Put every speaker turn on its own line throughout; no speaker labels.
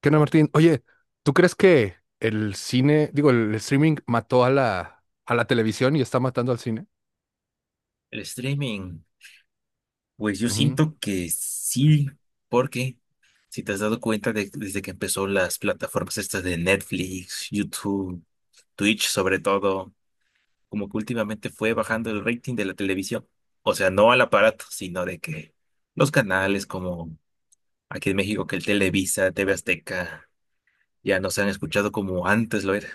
¿Qué onda, Martín? Oye, ¿tú crees que el cine, digo, el streaming mató a la televisión y está matando al cine?
El streaming, pues yo
Ujú.
siento que sí, porque si te has dado cuenta desde que empezó las plataformas estas de Netflix, YouTube, Twitch sobre todo, como que últimamente fue bajando el rating de la televisión. O sea, no al aparato, sino de que los canales como aquí en México, que el Televisa, TV Azteca, ya no se han escuchado como antes lo era.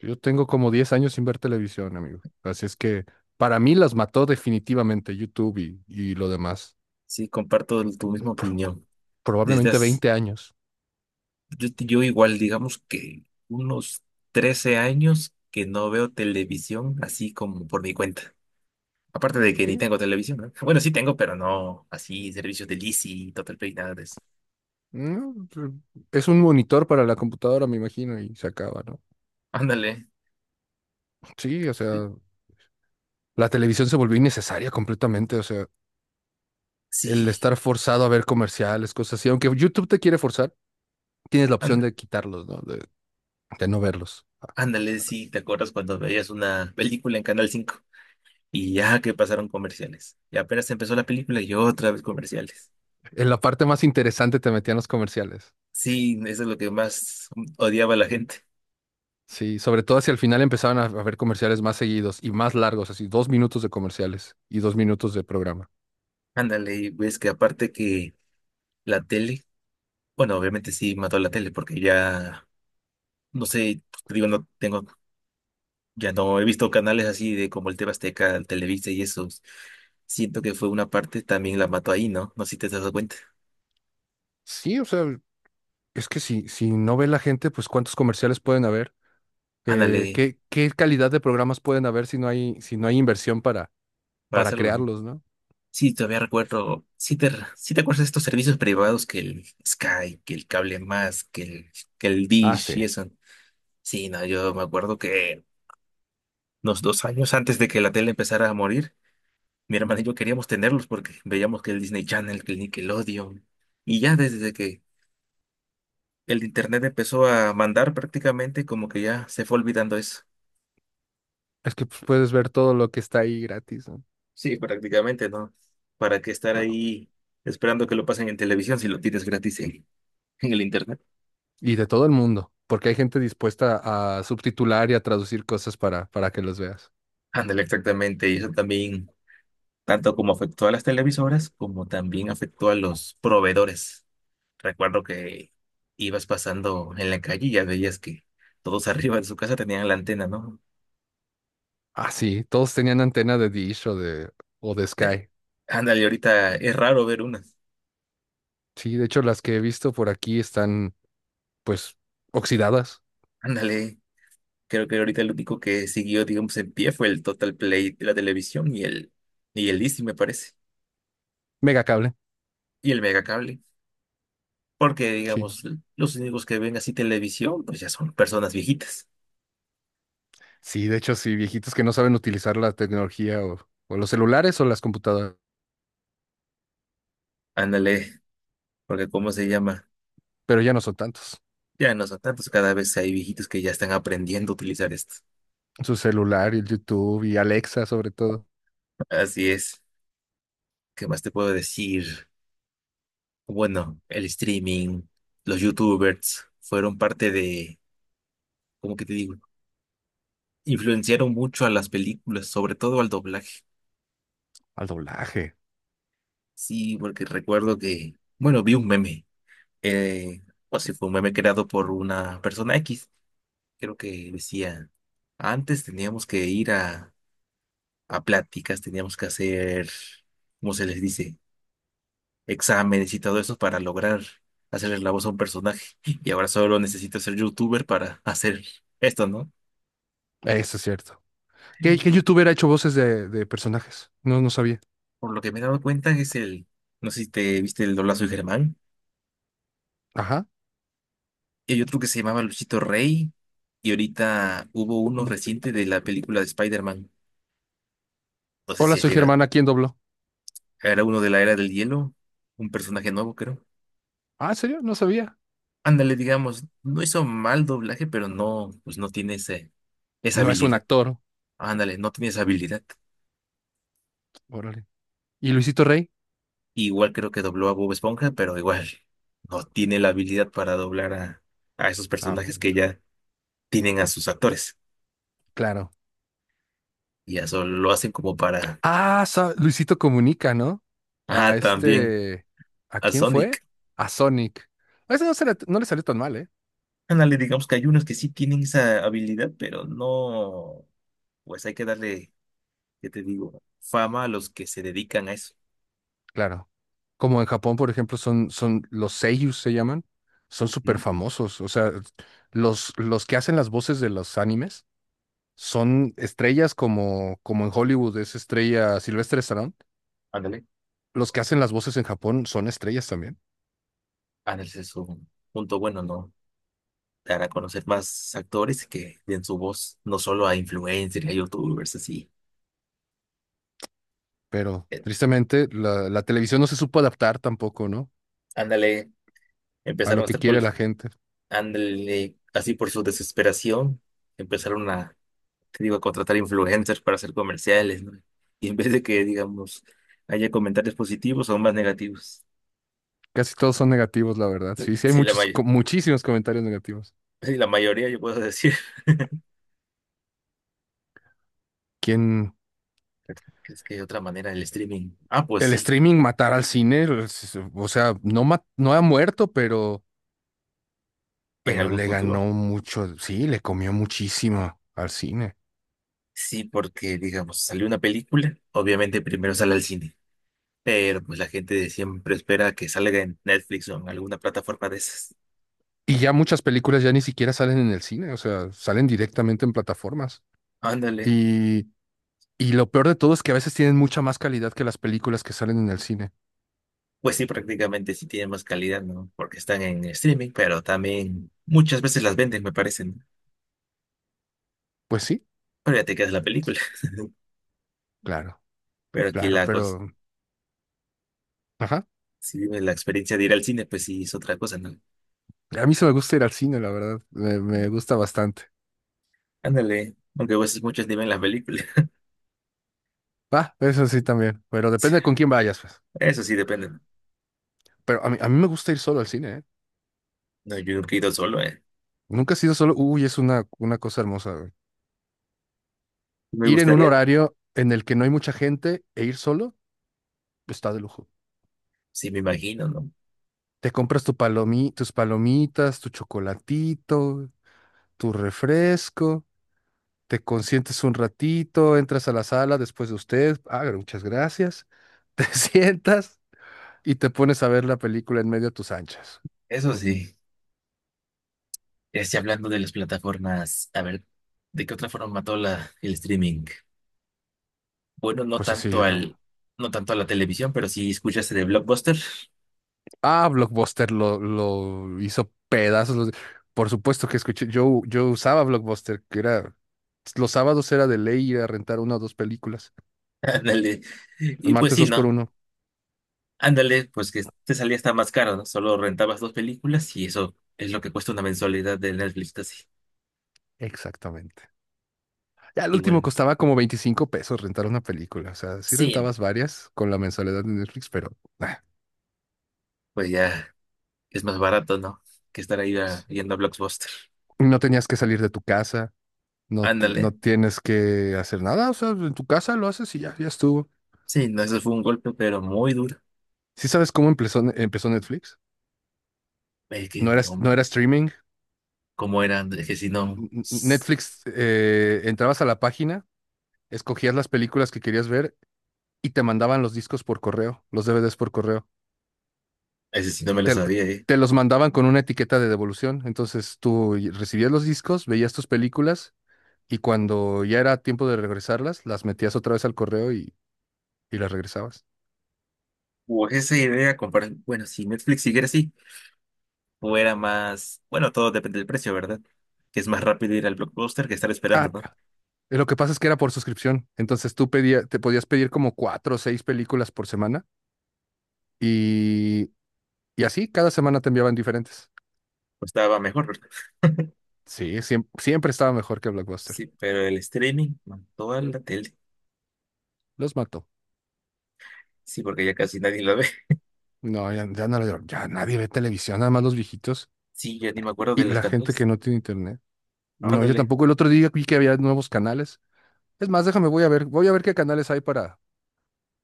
Yo tengo como 10 años sin ver televisión, amigo. Así es que para mí las mató definitivamente YouTube y lo demás.
Sí, comparto tu misma
Pro-
opinión. Desde
Probablemente
hace-
20 años.
yo igual, digamos que unos 13 años que no veo televisión así como por mi cuenta. Aparte de que ni
Sí.
tengo televisión, ¿no? Bueno, sí tengo, pero no así servicios de Lizzy, Total Play, nada de eso.
No, es un monitor para la computadora, me imagino, y se acaba, ¿no?
Ándale.
Sí, o sea, la televisión se volvió innecesaria completamente, o sea, el
Sí,
estar forzado a ver comerciales, cosas así, aunque YouTube te quiere forzar. Tienes la opción
ándale,
de quitarlos, ¿no? De no verlos.
ándale, sí, ¿te acuerdas cuando veías una película en Canal 5? Y ya que pasaron comerciales. Y apenas empezó la película y otra vez comerciales.
En la parte más interesante te metían los comerciales.
Sí, eso es lo que más odiaba a la gente.
Sí, sobre todo hacia el final empezaban a haber comerciales más seguidos y más largos, así 2 minutos de comerciales y 2 minutos de programa.
Ándale, y ves que aparte que la tele. Bueno, obviamente sí mató la tele porque ya, no sé, pues, te digo, no tengo, ya no he visto canales así de como el TV Azteca, el Televisa y esos. Siento que fue una parte, también la mató ahí, ¿no? No sé si te has dado cuenta.
Sí, o sea, es que si no ve la gente, pues cuántos comerciales pueden haber,
Ándale,
¿qué calidad de programas pueden haber si no hay inversión
para
para
hacerlo, ¿no?
crearlos, ¿no?
Sí, todavía recuerdo, sí te acuerdas de estos servicios privados que el Sky, que el Cable Más, que el
Ah, sí.
Dish y eso. Sí, no, yo me acuerdo que unos 2 años antes de que la tele empezara a morir, mi hermana y yo queríamos tenerlos porque veíamos que el Disney Channel, que el Nickelodeon. Y ya desde que el internet empezó a mandar prácticamente, como que ya se fue olvidando eso.
Es que pues, puedes ver todo lo que está ahí gratis, ¿no?
Sí, prácticamente, ¿no? ¿Para qué estar
No,
ahí esperando que lo pasen en televisión si lo tienes gratis en el internet?
y de todo el mundo, porque hay gente dispuesta a subtitular y a traducir cosas para que los veas.
Ándale, exactamente. Y eso también, tanto como afectó a las televisoras, como también afectó a los proveedores. Recuerdo que ibas pasando en la calle y ya veías que todos arriba de su casa tenían la antena, ¿no?
Ah, sí, todos tenían antena de Dish o de
De-
Sky.
Ándale, ahorita es raro ver unas.
Sí, de hecho, las que he visto por aquí están, pues, oxidadas.
Ándale, creo que ahorita el único que siguió, digamos, en pie fue el Total Play de la televisión y el Easy, me parece,
Mega cable.
y el Megacable. Porque,
Sí.
digamos, los únicos que ven así televisión, pues ya son personas viejitas.
Sí, de hecho, sí, viejitos que no saben utilizar la tecnología o los celulares o las computadoras,
Ándale, porque ¿cómo se llama?
pero ya no son tantos.
Ya no son tantos, cada vez hay viejitos que ya están aprendiendo a utilizar esto.
Su celular y el YouTube y Alexa, sobre todo.
Así es. ¿Qué más te puedo decir? Bueno, el streaming, los YouTubers fueron parte de, ¿cómo que te digo? Influenciaron mucho a las películas, sobre todo al doblaje.
Al doblaje.
Sí, porque recuerdo que, bueno, vi un meme, eh, o si fue un meme creado por una persona X, creo que decía, antes teníamos que ir a, pláticas, teníamos que hacer, ¿cómo se les dice? Exámenes y todo eso para lograr hacerle la voz a un personaje. Y ahora solo necesito ser youtuber para hacer esto, ¿no?
Eso es cierto. ¿Qué youtuber ha hecho voces de personajes? No, no sabía.
Por lo que me he dado cuenta es el, no sé si te viste el doblazo de Germán.
Ajá.
Y hay otro que se llamaba Luchito Rey. Y ahorita hubo uno reciente de la película de Spider-Man. No sé
Hola,
si es
soy
llegado.
Germán, ¿a quién dobló?
Era uno de la Era del Hielo. Un personaje nuevo, creo.
Ah, ¿en serio? No sabía.
Ándale, digamos, no hizo mal doblaje, pero no, pues no tiene ese, esa
No es un
habilidad.
actor.
Ándale, no tiene esa habilidad.
Órale. ¿Y Luisito Rey?
Igual creo que dobló a Bob Esponja, pero igual no tiene la habilidad para doblar a esos
Ah,
personajes
pues,
que ya tienen a sus actores.
claro.
Y eso lo hacen como para...
Luisito Comunica, ¿no? A
Ah, también
este... ¿A
a
quién fue?
Sonic.
A Sonic. A ese no, no le salió tan mal, ¿eh?
Ándale, digamos que hay unos que sí tienen esa habilidad, pero no, pues hay que darle, ¿qué te digo? Fama a los que se dedican a eso.
Claro. Como en Japón, por ejemplo, son los seiyus, se llaman. Son súper
¿Mm?
famosos. O sea, los que hacen las voces de los animes son estrellas como, como en Hollywood es estrella Silvestre
Ándale.
los que hacen las voces en Japón son estrellas también,
Ándale, ese es un punto bueno, ¿no? Dar a conocer más actores que den su voz, no solo a influencers, a youtubers, así.
pero
Eh,
tristemente la televisión no se supo adaptar tampoco, ¿no?
Ándale,
A
empezaron
lo
a
que
estar
quiere
cool.
la gente.
Ándale, así por su desesperación, empezaron a, te digo, a contratar influencers para hacer comerciales, ¿no? Y en vez de que, digamos, haya comentarios positivos, son más negativos.
Casi todos son negativos, la verdad. Sí, sí, hay
Sí,
muchos, muchísimos comentarios negativos.
sí, la mayoría yo puedo decir.
Quien
¿Crees que hay otra manera del streaming? Ah, pues
el
sí,
streaming matará al cine, pues, o sea, no, no ha muerto,
en
pero
algún
le ganó
futuro.
mucho, sí, le comió muchísimo al cine.
Sí, porque digamos, salió una película, obviamente primero sale al cine, pero pues la gente siempre espera que salga en Netflix o en alguna plataforma de esas.
Y ya muchas películas ya ni siquiera salen en el cine, o sea, salen directamente en plataformas.
Ándale.
Y y lo peor de todo es que a veces tienen mucha más calidad que las películas que salen en el cine.
Pues sí, prácticamente sí tiene más calidad, ¿no? Porque están en streaming, pero también muchas veces las venden, me parecen.
Pues sí,
Pero ya te quedas la película.
claro,
Pero aquí
claro,
la cosa,
pero... Ajá.
si vives la experiencia de ir al cine, pues sí es otra cosa, ¿no?
A mí se me gusta ir al cine, la verdad. Me gusta bastante.
Ándale, aunque a veces muchos ni ven las películas.
Va, eso sí también. Pero depende de con quién vayas, pues.
Eso sí depende, ¿no?
Pero a mí me gusta ir solo al cine, ¿eh?
No, yo nunca he ido solo, ¿eh?
Nunca he sido solo. Uy, es una cosa hermosa, güey.
Me
Ir en un
gustaría,
horario en el que no hay mucha gente e ir solo, pues, está de lujo.
sí, me imagino, ¿no?
Te compras tu palomi, tus palomitas, tu chocolatito, tu refresco te consientes un ratito, entras a la sala después de usted, ah, muchas gracias, te sientas y te pones a ver la película en medio de tus anchas.
Eso sí. Este, hablando de las plataformas, a ver, ¿de qué otra forma mató la, el streaming? Bueno, no
Pues así,
tanto
Ro.
no tanto a la televisión, pero sí escuchaste de Blockbuster.
Ah, Blockbuster lo hizo pedazos. Los- por supuesto que escuché, yo usaba Blockbuster, que era, los sábados era de ley ir a rentar una o dos películas,
Ándale.
los
Y pues
martes
sí,
dos por
¿no?
uno.
Ándale, pues que te salía hasta más caro, ¿no? Solo rentabas dos películas y eso es lo que cuesta una mensualidad de Netflix, así.
Exactamente. Ya el
Y
último
bueno,
costaba como 25 pesos rentar una película. O sea, sí
sí,
rentabas varias con la mensualidad de Netflix, pero... ah.
pues ya. Es más barato, ¿no? Que estar ahí yendo a Blockbuster.
No tenías que salir de tu casa, no, no
Ándale.
tienes que hacer nada, o sea, en tu casa lo haces y ya, ya estuvo.
Sí, no, eso fue un golpe, pero muy duro.
¿Sí sabes cómo empezó Netflix?
Es que
No era,
no,
no era streaming.
¿cómo era? Es que si no,
Netflix, entrabas a la página, escogías las películas que querías ver y te mandaban los discos por correo, los DVDs por correo.
ese sí no me lo
Te,
sabía, ¿eh?
te los mandaban con una etiqueta de devolución, entonces tú recibías los discos, veías tus películas y cuando ya era tiempo de regresarlas, las metías otra vez al correo y las regresabas.
O esa idea, comparar, bueno, si Netflix siguiera así, o era más, bueno, todo depende del precio, ¿verdad? Que es más rápido ir al Blockbuster que estar esperando,
Ah,
¿no?
Lo que pasa es que era por suscripción. Entonces tú pedía, te podías pedir como cuatro o seis películas por semana y, y así cada semana te enviaban diferentes.
Pues estaba mejor, ¿verdad?
Sí, siempre, estaba mejor que Blockbuster.
Sí, pero el streaming mató a la tele.
Los mató.
Sí, porque ya casi nadie lo ve.
No, ya, ya nadie ve televisión, nada más los viejitos
Sí, yo ni me acuerdo
y
de los
la gente que
canales.
no tiene internet. No, yo
Ándale,
tampoco. El otro día vi que había nuevos canales. Es más, déjame, voy a ver qué canales hay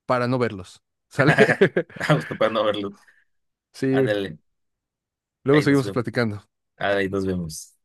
para no verlos. ¿Sale?
vamos capaz no verlo.
Sí,
Ándale,
luego
ahí nos
seguimos
vemos.
platicando.
Ahí nos vemos.